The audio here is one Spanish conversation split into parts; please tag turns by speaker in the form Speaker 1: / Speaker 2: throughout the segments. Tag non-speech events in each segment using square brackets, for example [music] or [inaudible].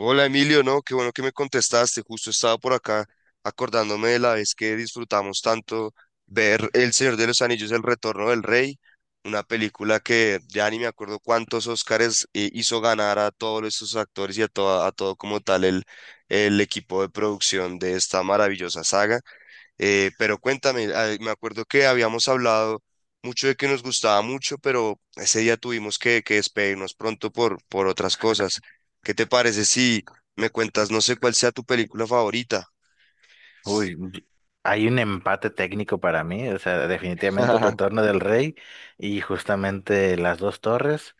Speaker 1: Hola Emilio, no, qué bueno que me contestaste. Justo estaba por acá acordándome de la vez que disfrutamos tanto ver El Señor de los Anillos, El Retorno del Rey, una película que ya ni me acuerdo cuántos Óscares hizo ganar a todos esos actores y a todo como tal el equipo de producción de esta maravillosa saga. Pero cuéntame, me acuerdo que habíamos hablado mucho de que nos gustaba mucho, pero ese día tuvimos que despedirnos pronto por otras cosas. ¿Qué te parece si me cuentas, no sé cuál sea tu película favorita?
Speaker 2: Uy, hay un empate técnico para mí, o sea, definitivamente el
Speaker 1: [laughs]
Speaker 2: retorno del rey y justamente las dos torres,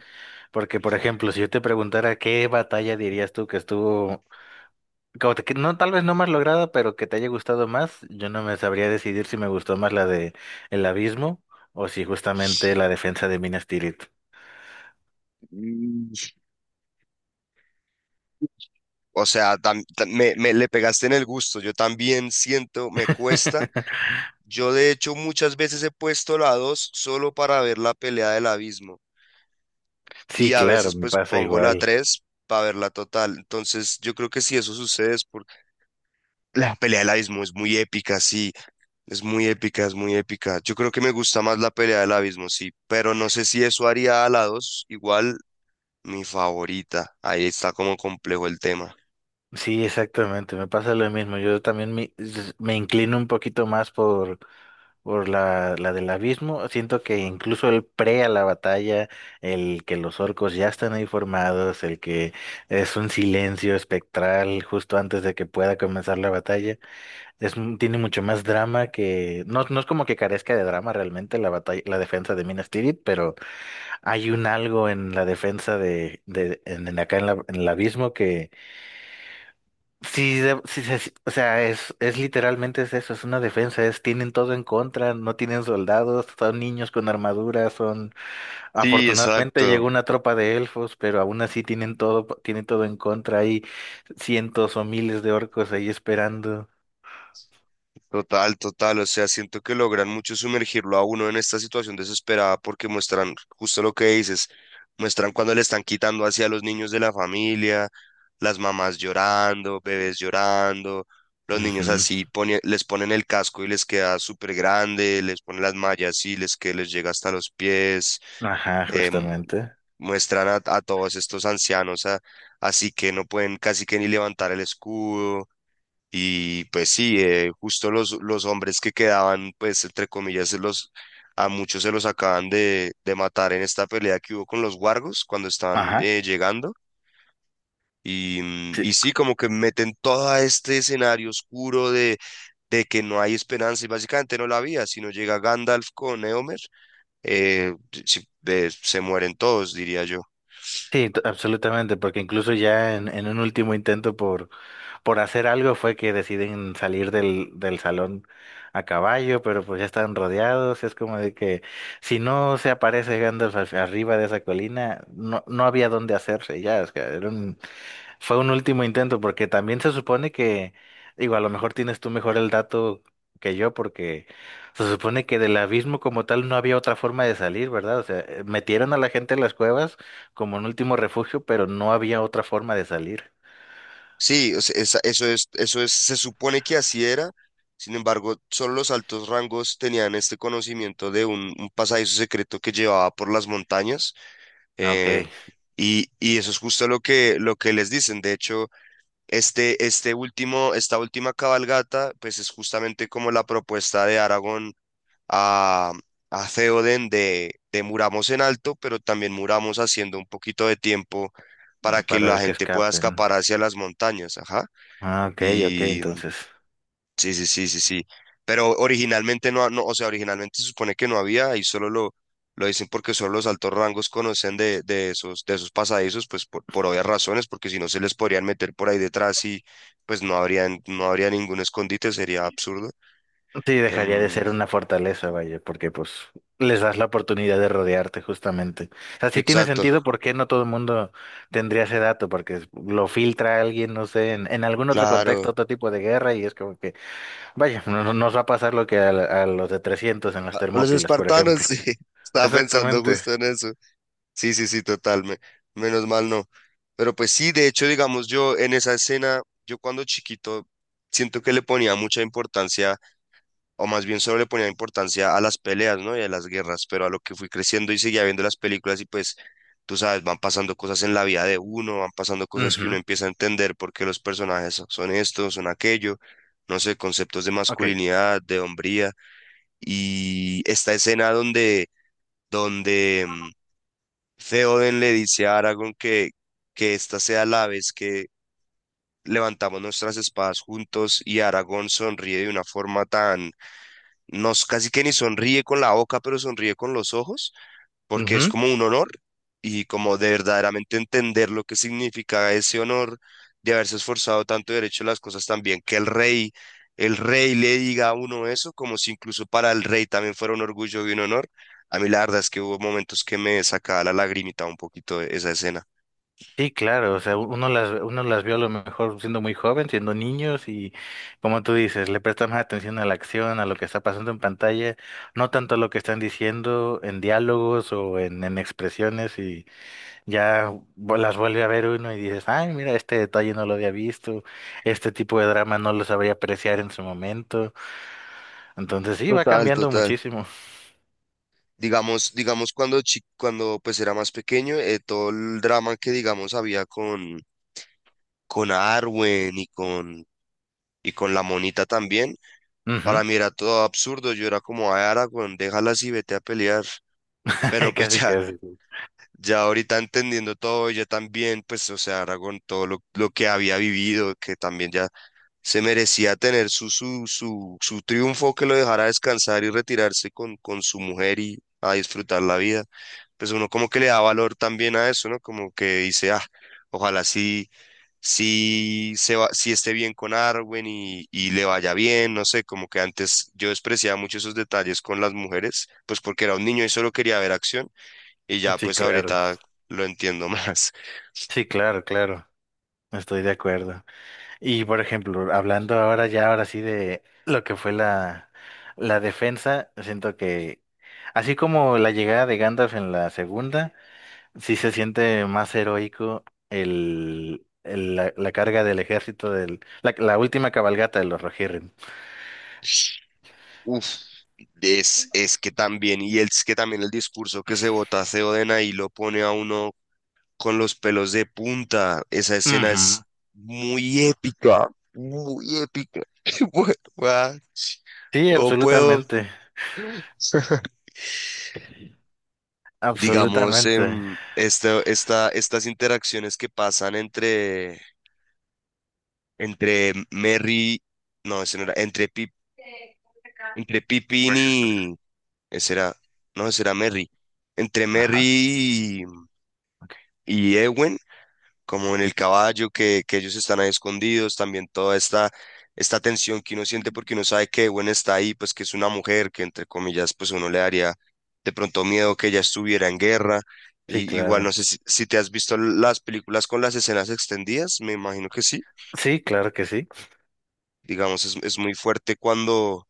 Speaker 2: porque por ejemplo, si yo te preguntara qué batalla dirías tú que estuvo, como que no, tal vez no más lograda, pero que te haya gustado más, yo no me sabría decidir si me gustó más la de el abismo o si justamente la defensa de Minas Tirith.
Speaker 1: Mm. O sea, me le pegaste en el gusto. Yo también siento, me cuesta.
Speaker 2: [laughs]
Speaker 1: Yo de hecho muchas veces he puesto la 2 solo para ver la pelea del abismo, y
Speaker 2: Sí,
Speaker 1: a
Speaker 2: claro,
Speaker 1: veces
Speaker 2: me
Speaker 1: pues
Speaker 2: pasa
Speaker 1: pongo la
Speaker 2: igual.
Speaker 1: 3 para ver la total. Entonces yo creo que si eso sucede es... La pelea del abismo es muy épica, sí, es muy épica, es muy épica. Yo creo que me gusta más la pelea del abismo, sí, pero no sé si eso haría a la 2 igual mi favorita. Ahí está como complejo el tema.
Speaker 2: Sí, exactamente, me pasa lo mismo. Yo también me, me inclino un poquito más por la del abismo. Siento que incluso el pre a la batalla, el que los orcos ya están ahí formados, el que es un silencio espectral justo antes de que pueda comenzar la batalla, es, tiene mucho más drama que. No, no es como que carezca de drama realmente la batalla, la defensa de Minas Tirith, pero hay un algo en la defensa de en acá en el abismo que sí, sí, sí, sí, o sea, es literalmente es eso, es una defensa, es, tienen todo en contra, no tienen soldados, son niños con armaduras, son,
Speaker 1: Sí,
Speaker 2: afortunadamente
Speaker 1: exacto.
Speaker 2: llegó una tropa de elfos, pero aún así tienen todo en contra, hay cientos o miles de orcos ahí esperando.
Speaker 1: Total, total, o sea, siento que logran mucho sumergirlo a uno en esta situación desesperada porque muestran justo lo que dices, muestran cuando le están quitando hacia a los niños de la familia, las mamás llorando, bebés llorando, los niños
Speaker 2: Ujú.
Speaker 1: así les ponen el casco y les queda súper grande, les ponen las mallas y les que les llega hasta los pies,
Speaker 2: Ajá,
Speaker 1: eh, mu-
Speaker 2: justamente.
Speaker 1: muestran a todos estos ancianos así que no pueden casi que ni levantar el escudo y pues sí, justo los hombres que quedaban, pues entre comillas, a muchos se los acaban de matar en esta pelea que hubo con los Wargos cuando están
Speaker 2: Ajá.
Speaker 1: llegando.
Speaker 2: Sí,
Speaker 1: Y sí, como que meten todo este escenario oscuro de que no hay esperanza y básicamente no la había. Si no llega Gandalf con Eomer, eh, se mueren todos, diría yo.
Speaker 2: sí, absolutamente, porque incluso ya en un último intento por hacer algo fue que deciden salir del, del salón a caballo, pero pues ya están rodeados. Es como de que si no se aparece Gandalf arriba de esa colina, no, no había dónde hacerse ya. O sea, fue un último intento, porque también se supone que, digo, a lo mejor tienes tú mejor el dato que yo, porque se supone que del abismo como tal no había otra forma de salir, ¿verdad? O sea, metieron a la gente en las cuevas como un último refugio, pero no había otra forma de salir.
Speaker 1: Sí, o sea, eso es, se supone que así era. Sin embargo, solo los altos rangos tenían este conocimiento de un pasadizo secreto que llevaba por las montañas.
Speaker 2: Ok,
Speaker 1: eh, y, y eso es justo lo lo que les dicen. De hecho, este último, esta última cabalgata, pues es justamente como la propuesta de Aragón a, a Theoden de muramos en alto, pero también muramos haciendo un poquito de tiempo para que la
Speaker 2: para que
Speaker 1: gente pueda
Speaker 2: escapen.
Speaker 1: escapar hacia las montañas. Ajá.
Speaker 2: Ah, ok, ok,
Speaker 1: Y mm,
Speaker 2: entonces.
Speaker 1: sí, sí, sí, sí, sí. Pero originalmente no, no, o sea, originalmente se supone que no había, y solo lo dicen porque solo los altos rangos conocen de esos pasadizos, pues por obvias razones, porque si no se les podrían meter por ahí detrás y pues no habrían, no habría ningún escondite, sería absurdo.
Speaker 2: Sí, dejaría de
Speaker 1: Em,
Speaker 2: ser una fortaleza, vaya, porque pues les das la oportunidad de rodearte justamente. O sea, sí tiene
Speaker 1: exacto,
Speaker 2: sentido por qué no todo el mundo tendría ese dato, porque lo filtra alguien, no sé, en algún otro
Speaker 1: claro.
Speaker 2: contexto, otro tipo de guerra, y es como que, vaya, no, no nos va a pasar lo que a, a los de 300 en las
Speaker 1: Ah, los
Speaker 2: Termópilas, por
Speaker 1: espartanos, [laughs]
Speaker 2: ejemplo.
Speaker 1: sí, estaba pensando
Speaker 2: Exactamente.
Speaker 1: justo en eso. Sí, sí, sí, total, menos mal no. Pero pues sí, de hecho, digamos, yo en esa escena, yo cuando chiquito, siento que le ponía mucha importancia, o más bien solo le ponía importancia a las peleas, ¿no? Y a las guerras, pero a lo que fui creciendo y seguía viendo las películas y pues, tú sabes, van pasando cosas en la vida de uno, van pasando cosas que uno
Speaker 2: Ujú,
Speaker 1: empieza a entender porque los personajes son estos, son aquello, no sé, conceptos de
Speaker 2: ok.
Speaker 1: masculinidad, de hombría, y esta escena donde Theoden le dice a Aragorn que esta sea la vez que levantamos nuestras espadas juntos y Aragorn sonríe de una forma tan, no casi que ni sonríe con la boca, pero sonríe con los ojos, porque es
Speaker 2: Ujú.
Speaker 1: como un honor y como de verdaderamente entender lo que significa ese honor de haberse esforzado tanto y haber hecho las cosas tan bien, que el rey le diga a uno eso, como si incluso para el rey también fuera un orgullo y un honor. A mí la verdad es que hubo momentos que me sacaba la lagrimita un poquito esa escena.
Speaker 2: Sí, claro, o sea, uno las vio a lo mejor siendo muy joven, siendo niños y como tú dices, le prestan más atención a la acción, a lo que está pasando en pantalla, no tanto a lo que están diciendo en diálogos o en expresiones y ya las vuelve a ver uno y dices, ay, mira, este detalle no lo había visto, este tipo de drama no lo sabría apreciar en su momento, entonces sí, va
Speaker 1: Total,
Speaker 2: cambiando
Speaker 1: total.
Speaker 2: muchísimo.
Speaker 1: Digamos, digamos cuando cuando pues era más pequeño, todo el drama que digamos había con Arwen y con la monita también.
Speaker 2: Ujú.
Speaker 1: Para mí era todo absurdo, yo era como, ay, Aragorn, déjala así, vete a pelear. Pero
Speaker 2: [laughs]
Speaker 1: pues [laughs]
Speaker 2: Casi,
Speaker 1: ya,
Speaker 2: casi.
Speaker 1: ya ahorita entendiendo todo, ella también, pues, o sea, Aragorn, todo lo que había vivido, que también ya se merecía tener su triunfo, que lo dejara descansar y retirarse con su mujer y a disfrutar la vida. Pues uno como que le da valor también a eso, ¿no? Como que dice, ah, ojalá sí si esté bien con Arwen y le vaya bien, no sé, como que antes yo despreciaba mucho esos detalles con las mujeres, pues porque era un niño y solo quería ver acción, y ya
Speaker 2: Sí,
Speaker 1: pues
Speaker 2: claro,
Speaker 1: ahorita lo entiendo [laughs] más.
Speaker 2: sí, claro, claro, estoy de acuerdo. Y por ejemplo, hablando ahora ya, ahora sí de lo que fue la, la defensa, siento que así como la llegada de Gandalf en la segunda, sí se siente más heroico el, la carga del ejército del, la última cabalgata de los Rohirrim.
Speaker 1: Uf, es que también, y es que también el discurso que se bota Theoden ahí lo pone a uno con los pelos de punta, esa escena
Speaker 2: Ujú.
Speaker 1: es muy épica, muy épica. [laughs] Bueno, ah,
Speaker 2: Sí,
Speaker 1: no puedo.
Speaker 2: absolutamente,
Speaker 1: [laughs] Digamos,
Speaker 2: absolutamente.
Speaker 1: esta, esta, estas interacciones que pasan entre, entre Merry, no, ese no era, entre, Pip, entre Pippin
Speaker 2: Gracias, Pastor.
Speaker 1: y, ese era, no, ese era Merry, entre
Speaker 2: Ajá,
Speaker 1: Merry
Speaker 2: ok.
Speaker 1: y Ewen como en el caballo, que ellos están ahí escondidos, también toda esta tensión que uno siente porque uno sabe que Gwen está ahí, pues que es una mujer, que entre comillas, pues uno le daría de pronto miedo que ella estuviera en guerra.
Speaker 2: Sí,
Speaker 1: Y, igual no
Speaker 2: claro.
Speaker 1: sé si te has visto las películas con las escenas extendidas, me imagino que sí.
Speaker 2: Sí, claro que sí.
Speaker 1: Digamos, es muy fuerte cuando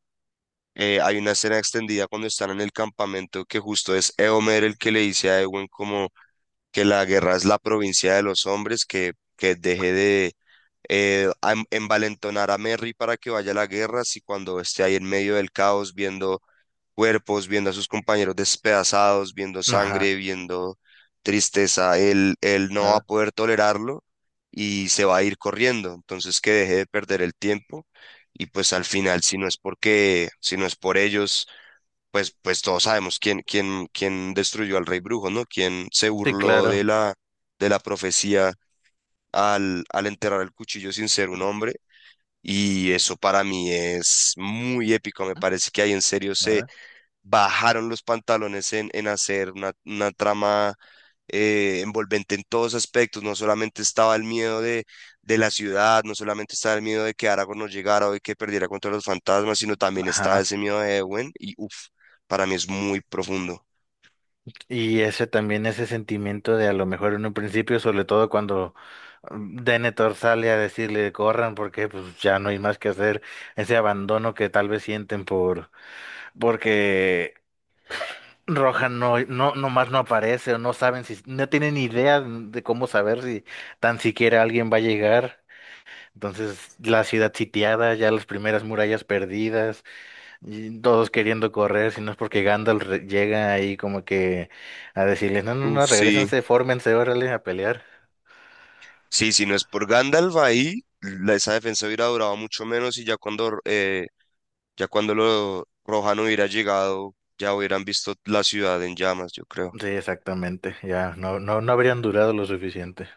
Speaker 1: hay una escena extendida cuando están en el campamento, que justo es Eomer el que le dice a Ewen como que la guerra es la provincia de los hombres, que deje de envalentonar a Merry para que vaya a la guerra, si cuando esté ahí en medio del caos, viendo cuerpos, viendo a sus compañeros despedazados, viendo
Speaker 2: Ajá,
Speaker 1: sangre, viendo tristeza, él no va a
Speaker 2: nada.
Speaker 1: poder tolerarlo y se va a ir corriendo. Entonces que deje de perder el tiempo y pues al final, si no es porque, si no es por ellos, pues, pues todos sabemos quién, quién, quién destruyó al rey brujo, ¿no? Quién se
Speaker 2: Sí,
Speaker 1: burló
Speaker 2: claro.
Speaker 1: de la profecía al enterrar el cuchillo sin ser un hombre. Y eso para mí es muy épico. Me parece que ahí en serio se
Speaker 2: Nada.
Speaker 1: bajaron los pantalones en hacer una trama envolvente en todos aspectos. No solamente estaba el miedo de la ciudad, no solamente estaba el miedo de que Aragorn no llegara o de que perdiera contra los fantasmas, sino también estaba
Speaker 2: Ajá.
Speaker 1: ese miedo de Ewen. Y uff, para mí es muy profundo.
Speaker 2: Y ese también, ese sentimiento de a lo mejor en un principio, sobre todo cuando mm, Denethor sale a decirle corran porque pues ya no hay más que hacer, ese abandono que tal vez sienten por porque Rohan no, no, nomás no aparece o no saben si, no tienen idea de cómo saber si tan siquiera alguien va a llegar. Entonces, la ciudad sitiada, ya las primeras murallas perdidas. Y todos queriendo correr, si no es porque Gandalf llega ahí como que a decirles, no, no, no,
Speaker 1: Uf, sí,
Speaker 2: regrésense, fórmense, órale, a pelear.
Speaker 1: sí, si no es por Gandalf ahí, esa defensa hubiera durado mucho menos y ya cuando ya cuando los Rohan hubiera llegado, ya hubieran visto la ciudad en llamas, yo creo.
Speaker 2: Sí, exactamente, ya, no, no, no habrían durado lo suficiente,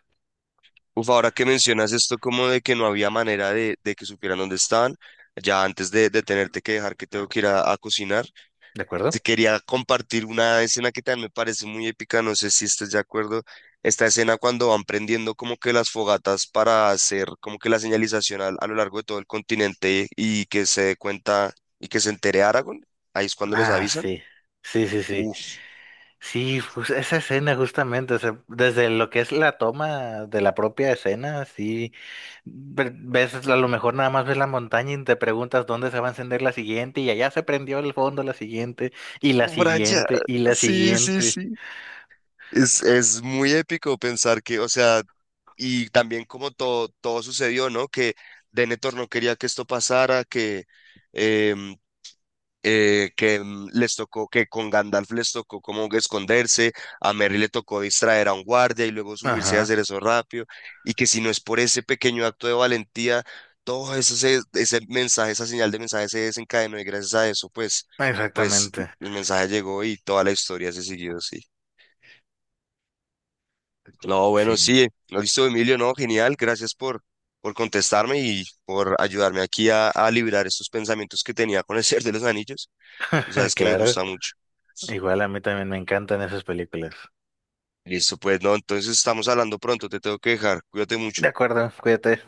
Speaker 1: Uf, ahora que mencionas esto como de que no había manera de que supieran dónde estaban, ya antes de tenerte que dejar que tengo que ir a cocinar,
Speaker 2: ¿de
Speaker 1: te
Speaker 2: acuerdo?
Speaker 1: quería compartir una escena que también me parece muy épica, no sé si estás de acuerdo. Esta escena cuando van prendiendo como que las fogatas para hacer como que la señalización a lo largo de todo el continente y, que se dé cuenta y que se entere Aragorn, ahí es cuando les
Speaker 2: Ah,
Speaker 1: avisan.
Speaker 2: sí, sí, sí, sí, sí, pues esa escena justamente, o sea, desde lo que es la toma de la propia escena, sí, ves, a lo mejor nada más ves la montaña y te preguntas dónde se va a encender la siguiente, y allá se prendió el fondo la siguiente, y la
Speaker 1: Brian,
Speaker 2: siguiente, y la
Speaker 1: sí, sí,
Speaker 2: siguiente.
Speaker 1: sí. Es muy épico pensar que, o sea, y también como todo, todo sucedió, ¿no? Que Denethor no quería que esto pasara, que em, les tocó, que con Gandalf les tocó como que esconderse, a Merry le tocó distraer a un guardia y luego subirse a
Speaker 2: Ajá,
Speaker 1: hacer eso rápido, y que si no es por ese pequeño acto de valentía, todo eso ese mensaje, esa señal de mensaje se desencadenó y gracias a eso, pues, pues
Speaker 2: exactamente.
Speaker 1: el mensaje llegó y toda la historia se siguió así. No, bueno,
Speaker 2: Sí,
Speaker 1: sí, no listo, Emilio, no, genial, gracias por contestarme y por ayudarme aquí a liberar estos pensamientos que tenía con El Señor de los Anillos. Tú
Speaker 2: [laughs]
Speaker 1: sabes que me
Speaker 2: claro.
Speaker 1: gusta mucho.
Speaker 2: Igual a mí también me encantan esas películas.
Speaker 1: Listo, pues no, entonces estamos hablando pronto, te tengo que dejar, cuídate mucho.
Speaker 2: De acuerdo, cuídate.